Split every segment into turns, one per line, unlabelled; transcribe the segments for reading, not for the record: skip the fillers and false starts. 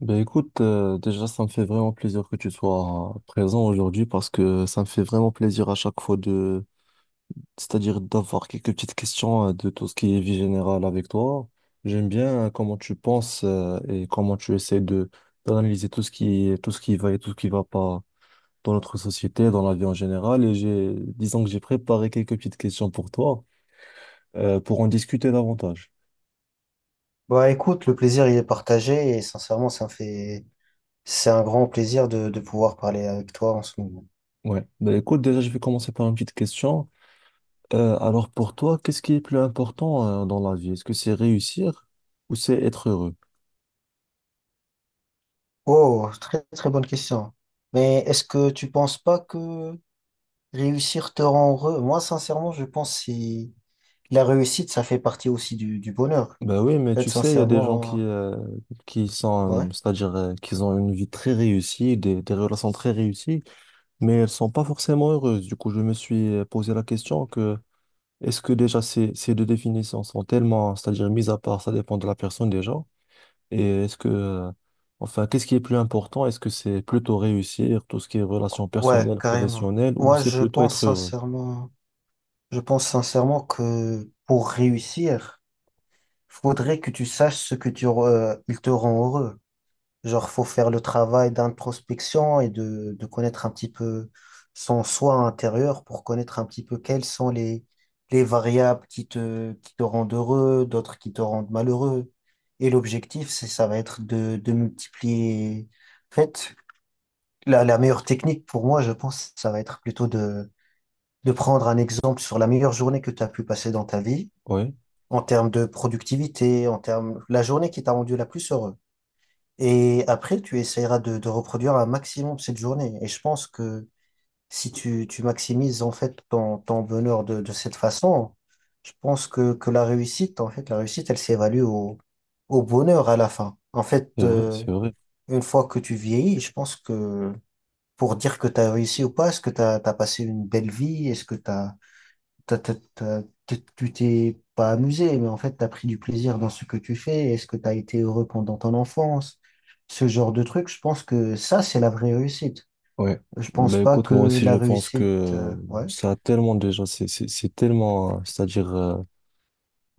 Ben écoute, déjà ça me fait vraiment plaisir que tu sois présent aujourd'hui parce que ça me fait vraiment plaisir à chaque fois de, c'est-à-dire d'avoir quelques petites questions de tout ce qui est vie générale avec toi. J'aime bien comment tu penses et comment tu essaies de d'analyser tout ce qui va et tout ce qui va pas dans notre société, dans la vie en général. Et j'ai, disons que j'ai préparé quelques petites questions pour toi pour en discuter davantage.
Bah écoute, le plaisir il est partagé et sincèrement ça me fait c'est un grand plaisir de pouvoir parler avec toi en ce moment.
Ouais. Ben écoute, déjà je vais commencer par une petite question. Alors pour toi, qu'est-ce qui est plus important dans la vie? Est-ce que c'est réussir ou c'est être heureux?
Oh, très très bonne question. Mais est-ce que tu penses pas que réussir te rend heureux? Moi sincèrement je pense que si la réussite ça fait partie aussi du bonheur.
Ben oui, mais
En fait,
tu sais, il y a des gens
sincèrement,
qui sont,
ouais.
c'est-à-dire qu'ils ont une vie très réussie, des relations très réussies, mais elles sont pas forcément heureuses. Du coup, je me suis posé la question que est-ce que déjà ces, ces deux définitions sont tellement, c'est-à-dire mises à part, ça dépend de la personne déjà, et enfin, qu'est-ce qui est plus important? Est-ce que c'est plutôt réussir, tout ce qui est relations
Ouais,
personnelles,
carrément.
professionnelles, ou
Moi
c'est
je
plutôt
pense
être heureux?
sincèrement Je pense sincèrement que pour réussir, faudrait que tu saches ce que tu re- il te rend heureux. Genre, faut faire le travail d'introspection et de connaître un petit peu son soi intérieur pour connaître un petit peu quelles sont les variables qui te rendent heureux, d'autres qui te rendent malheureux. Et l'objectif, ça va être de multiplier. En fait, la meilleure technique pour moi, je pense, ça va être plutôt de prendre un exemple sur la meilleure journée que tu as pu passer dans ta vie,
Oui,
en termes de productivité, en termes, la journée qui t'a rendu la plus heureux. Et après, tu essaieras de reproduire un maximum cette journée. Et je pense que si tu maximises en fait ton bonheur de cette façon, je pense que la réussite, en fait, la réussite, elle s'évalue au bonheur à la fin. En fait,
c'est vrai, c'est vrai.
une fois que tu vieillis, je pense que pour dire que tu as réussi ou pas, est-ce que tu as passé une belle vie? Est-ce que tu as, tu t'es pas amusé, mais en fait, tu as pris du plaisir dans ce que tu fais. Est-ce que tu as été heureux pendant ton enfance? Ce genre de truc, je pense que ça, c'est la vraie réussite.
Ouais.
Je pense
Ben
pas
écoute, moi
que
aussi, je
la
pense que
réussite, ouais,
ça a tellement déjà, c'est tellement, c'est-à-dire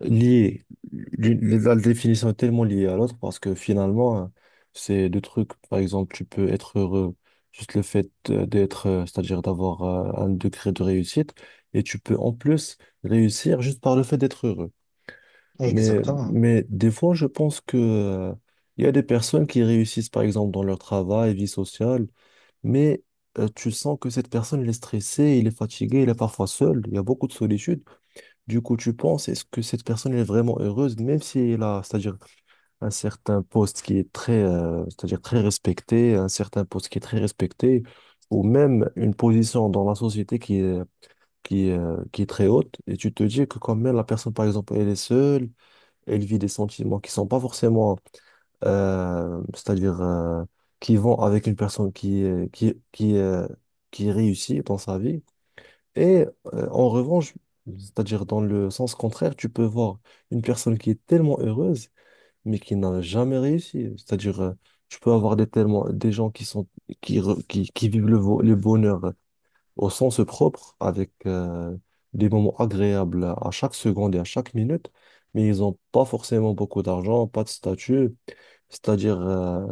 lié, la définition est tellement liée à l'autre parce que finalement, c'est deux trucs, par exemple, tu peux être heureux, juste le fait d'être, c'est-à-dire d'avoir un degré de réussite, et tu peux en plus réussir juste par le fait d'être heureux. Mais,
exactement.
mais des fois, je pense que, il y a des personnes qui réussissent, par exemple, dans leur travail, vie sociale, mais tu sens que cette personne, elle est stressée, il est fatigué, il est parfois seul, il y a beaucoup de solitude. Du coup, tu penses, est-ce que cette personne, elle est vraiment heureuse, même si elle a, c'est-à-dire un certain poste qui est très, c'est-à-dire très respecté, un certain poste qui est très respecté, ou même une position dans la société qui est très haute, et tu te dis que quand même la personne, par exemple, elle est seule, elle vit des sentiments qui sont pas forcément c'est-à-dire qui vont avec une personne qui, qui réussit dans sa vie. Et en revanche, c'est-à-dire dans le sens contraire, tu peux voir une personne qui est tellement heureuse, mais qui n'a jamais réussi. C'est-à-dire, tu peux avoir des, tellement, des gens qui sont, qui vivent le, le bonheur au sens propre, avec des moments agréables à chaque seconde et à chaque minute, mais ils n'ont pas forcément beaucoup d'argent, pas de statut. C'est-à-dire,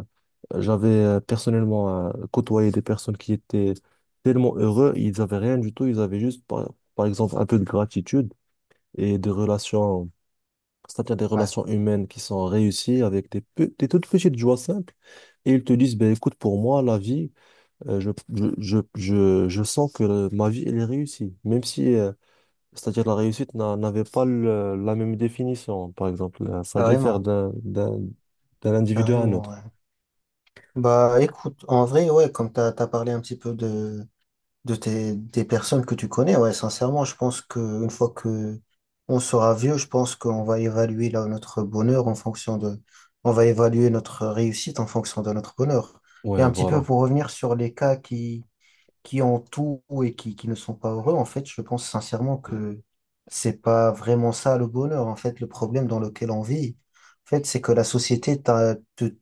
j'avais personnellement côtoyé des personnes qui étaient tellement heureux, ils n'avaient rien du tout, ils avaient juste, par exemple, un peu de gratitude et des relations, c'est-à-dire des
Ouais,
relations humaines qui sont réussies avec des, des toutes petites joies simples. Et ils te disent, ben écoute, pour moi, la vie, je sens que ma vie, elle est réussie. Même si, c'est-à-dire, la réussite n'avait pas la même définition, par exemple. Ça diffère
carrément,
d'un individu à un
carrément,
autre.
ouais. Bah, écoute, en vrai, ouais, comme t'as parlé un petit peu des personnes que tu connais, ouais, sincèrement, je pense que une fois que on sera vieux, je pense qu'on va évaluer là, notre bonheur en fonction de, on va évaluer notre réussite en fonction de notre bonheur. Et
Ouais,
un petit peu
voilà.
pour revenir sur les cas qui ont tout et qui ne sont pas heureux, en fait, je pense sincèrement que c'est pas vraiment ça le bonheur. En fait, le problème dans lequel on vit, en fait, c'est que la société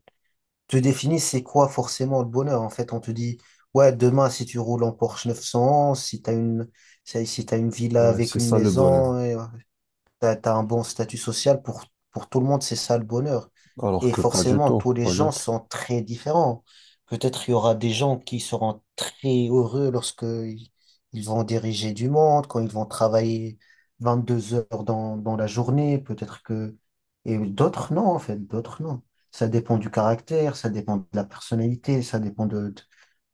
te définit c'est quoi forcément le bonheur. En fait, on te dit, ouais, demain, si tu roules en Porsche 911, si t'as une villa
Ouais,
avec
c'est
une
ça le bonheur.
maison, et t'as, un bon statut social pour tout le monde, c'est ça le bonheur.
Alors
Et
que pas du
forcément,
tout,
tous les
pas du
gens
tout.
sont très différents. Peut-être il y aura des gens qui seront très heureux lorsque ils vont diriger du monde, quand ils vont travailler 22 heures dans la journée, peut-être que... Et d'autres, non, en fait, d'autres, non. Ça dépend du caractère, ça dépend de la personnalité, ça dépend de,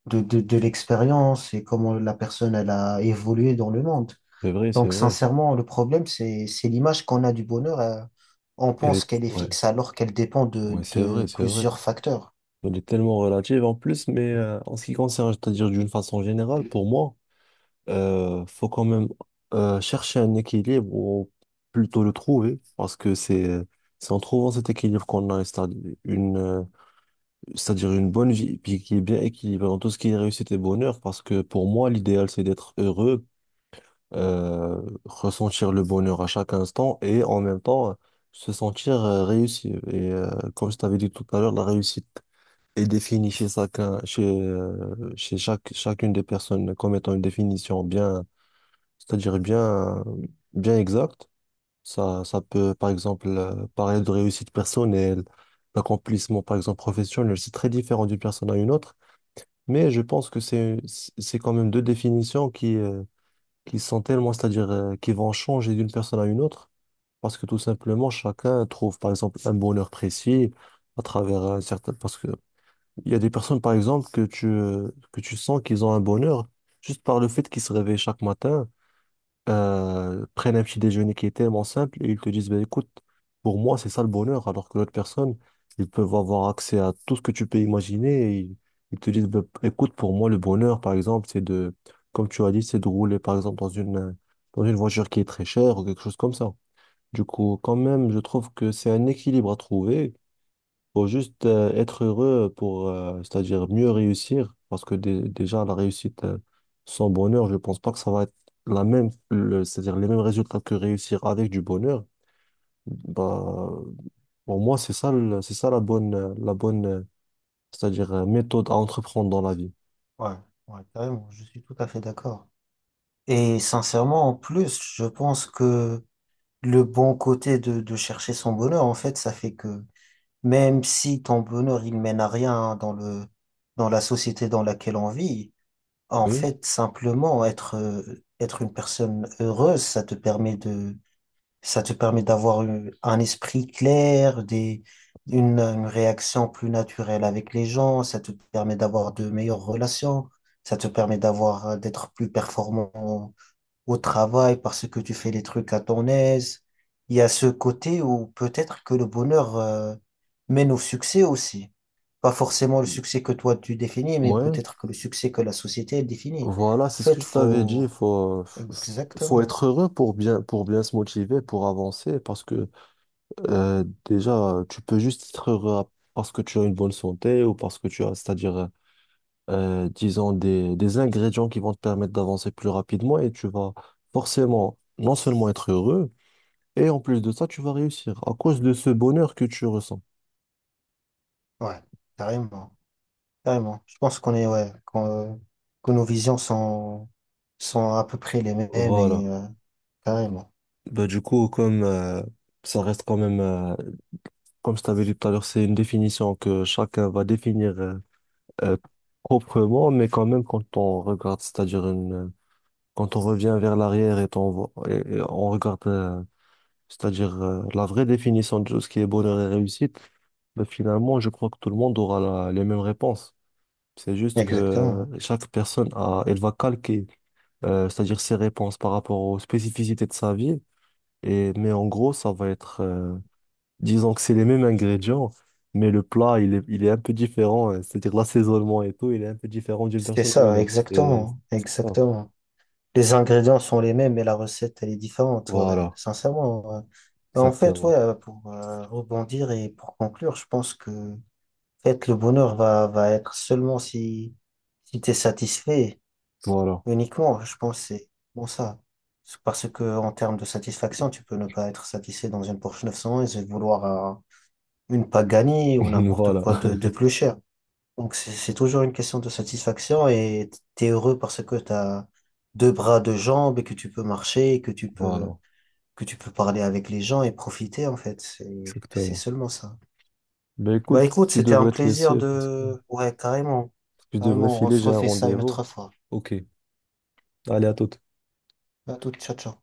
de, de de l'expérience et comment la personne, elle a évolué dans le monde.
C'est vrai, c'est
Donc,
vrai.
sincèrement, le problème, c'est l'image qu'on a du bonheur. On
Elle
pense
est,
qu'elle est
ouais,
fixe alors qu'elle dépend
ouais, c'est vrai,
de
c'est vrai.
plusieurs facteurs.
Elle est tellement relative en plus, mais en ce qui concerne, c'est-à-dire d'une façon générale, pour moi, faut quand même chercher un équilibre ou plutôt le trouver, parce que c'est en trouvant cet équilibre qu'on a, c'est-à-dire une bonne vie, puis qui est bien équilibrée dans tout ce qui est réussite et bonheur, parce que pour moi, l'idéal, c'est d'être heureux ressentir le bonheur à chaque instant et en même temps se sentir réussi. Et comme je t'avais dit tout à l'heure, la réussite est définie chez chacun, chacune des personnes comme étant une définition bien, c'est-à-dire bien, bien exacte. Ça peut, par exemple, parler de réussite personnelle, d'accomplissement, par exemple, professionnel. C'est très différent d'une personne à une autre, mais je pense que c'est quand même deux définitions qui sont tellement, c'est-à-dire qui vont changer d'une personne à une autre, parce que tout simplement, chacun trouve, par exemple, un bonheur précis à travers un certain... Parce que il y a des personnes, par exemple, que tu sens qu'ils ont un bonheur juste par le fait qu'ils se réveillent chaque matin prennent un petit déjeuner qui est tellement simple et ils te disent, ben écoute, pour moi, c'est ça le bonheur, alors que l'autre personne, ils peuvent avoir accès à tout ce que tu peux imaginer ils te disent, ben, écoute, pour moi, le bonheur, par exemple, c'est de, comme tu as dit, c'est de rouler, par exemple, dans une voiture qui est très chère ou quelque chose comme ça. Du coup, quand même, je trouve que c'est un équilibre à trouver, faut juste être heureux pour, c'est-à-dire mieux réussir, parce que déjà, la réussite sans bonheur, je pense pas que ça va être la même, c'est-à-dire les mêmes résultats que réussir avec du bonheur. Bah, pour moi, c'est ça, c'est ça la bonne, c'est-à-dire méthode à entreprendre dans la vie.
Ouais, ouais, carrément, je suis tout à fait d'accord. Et sincèrement, en plus, je pense que le bon côté de chercher son bonheur, en fait, ça fait que même si ton bonheur, il mène à rien dans dans la société dans laquelle on vit, en
Oui.
fait, simplement être une personne heureuse, ça te permet de. Ça te permet d'avoir eu un esprit clair, une réaction plus naturelle avec les gens. Ça te permet d'avoir de meilleures relations. Ça te permet d'avoir, d'être plus performant au travail parce que tu fais les trucs à ton aise. Il y a ce côté où peut-être que le bonheur, mène au succès aussi. Pas forcément le succès que toi tu définis, mais
Ouais.
peut-être que le succès que la société elle définit.
Voilà,
En
c'est ce que
fait,
je t'avais dit.
faut...
Il faut, faut
Exactement.
être heureux pour bien se motiver, pour avancer, parce que déjà, tu peux juste être heureux à- parce que tu as une bonne santé ou parce que tu as, c'est-à-dire, disons, des ingrédients qui vont te permettre d'avancer plus rapidement et tu vas forcément non seulement être heureux, et en plus de ça, tu vas réussir à cause de ce bonheur que tu ressens.
Ouais, carrément. Carrément. Je pense qu'on est, ouais, que nos visions sont à peu près les mêmes
Voilà.
carrément.
Bah, du coup, comme ça reste quand même, comme je t'avais dit tout à l'heure, c'est une définition que chacun va définir euh, proprement, mais quand même, quand on regarde, c'est-à-dire une quand on revient vers l'arrière et on regarde, c'est-à-dire la vraie définition de ce qui est bonheur et réussite, ben, finalement, je crois que tout le monde aura les mêmes réponses. C'est juste que
Exactement.
chaque personne elle va calquer, c'est-à-dire ses réponses par rapport aux spécificités de sa vie. Et, mais en gros, ça va être, disons que c'est les mêmes ingrédients, mais le plat, il est un peu différent, hein. C'est-à-dire l'assaisonnement et tout, il est un peu différent d'une
C'était
personne à une
ça,
autre. C'est
exactement.
c'est ça.
Exactement. Les ingrédients sont les mêmes, mais la recette, elle est différente, ouais,
Voilà,
sincèrement. Ouais. Mais en fait,
exactement.
ouais, pour rebondir et pour conclure, je pense que en fait, va être seulement si, si tu es satisfait.
Voilà.
Uniquement, ouais, je pense, c'est bon ça. C'est Parce que en termes de satisfaction, tu peux ne pas être satisfait dans une Porsche 911 et vouloir une Pagani ou n'importe
Voilà,
quoi de plus cher. Donc c'est toujours une question de satisfaction et t'es heureux parce que t'as deux bras, deux jambes et que tu peux marcher, et
voilà,
que tu peux parler avec les gens et profiter en fait. C'est
exactement.
seulement ça.
Ben
Bah
écoute,
écoute,
tu
c'était un
devrais te
plaisir
laisser parce que
de ouais carrément
je devrais
carrément. On
filer,
se
j'ai un
refait ça une
rendez-vous.
autre fois.
Ok, allez à toute.
À toute, ciao ciao.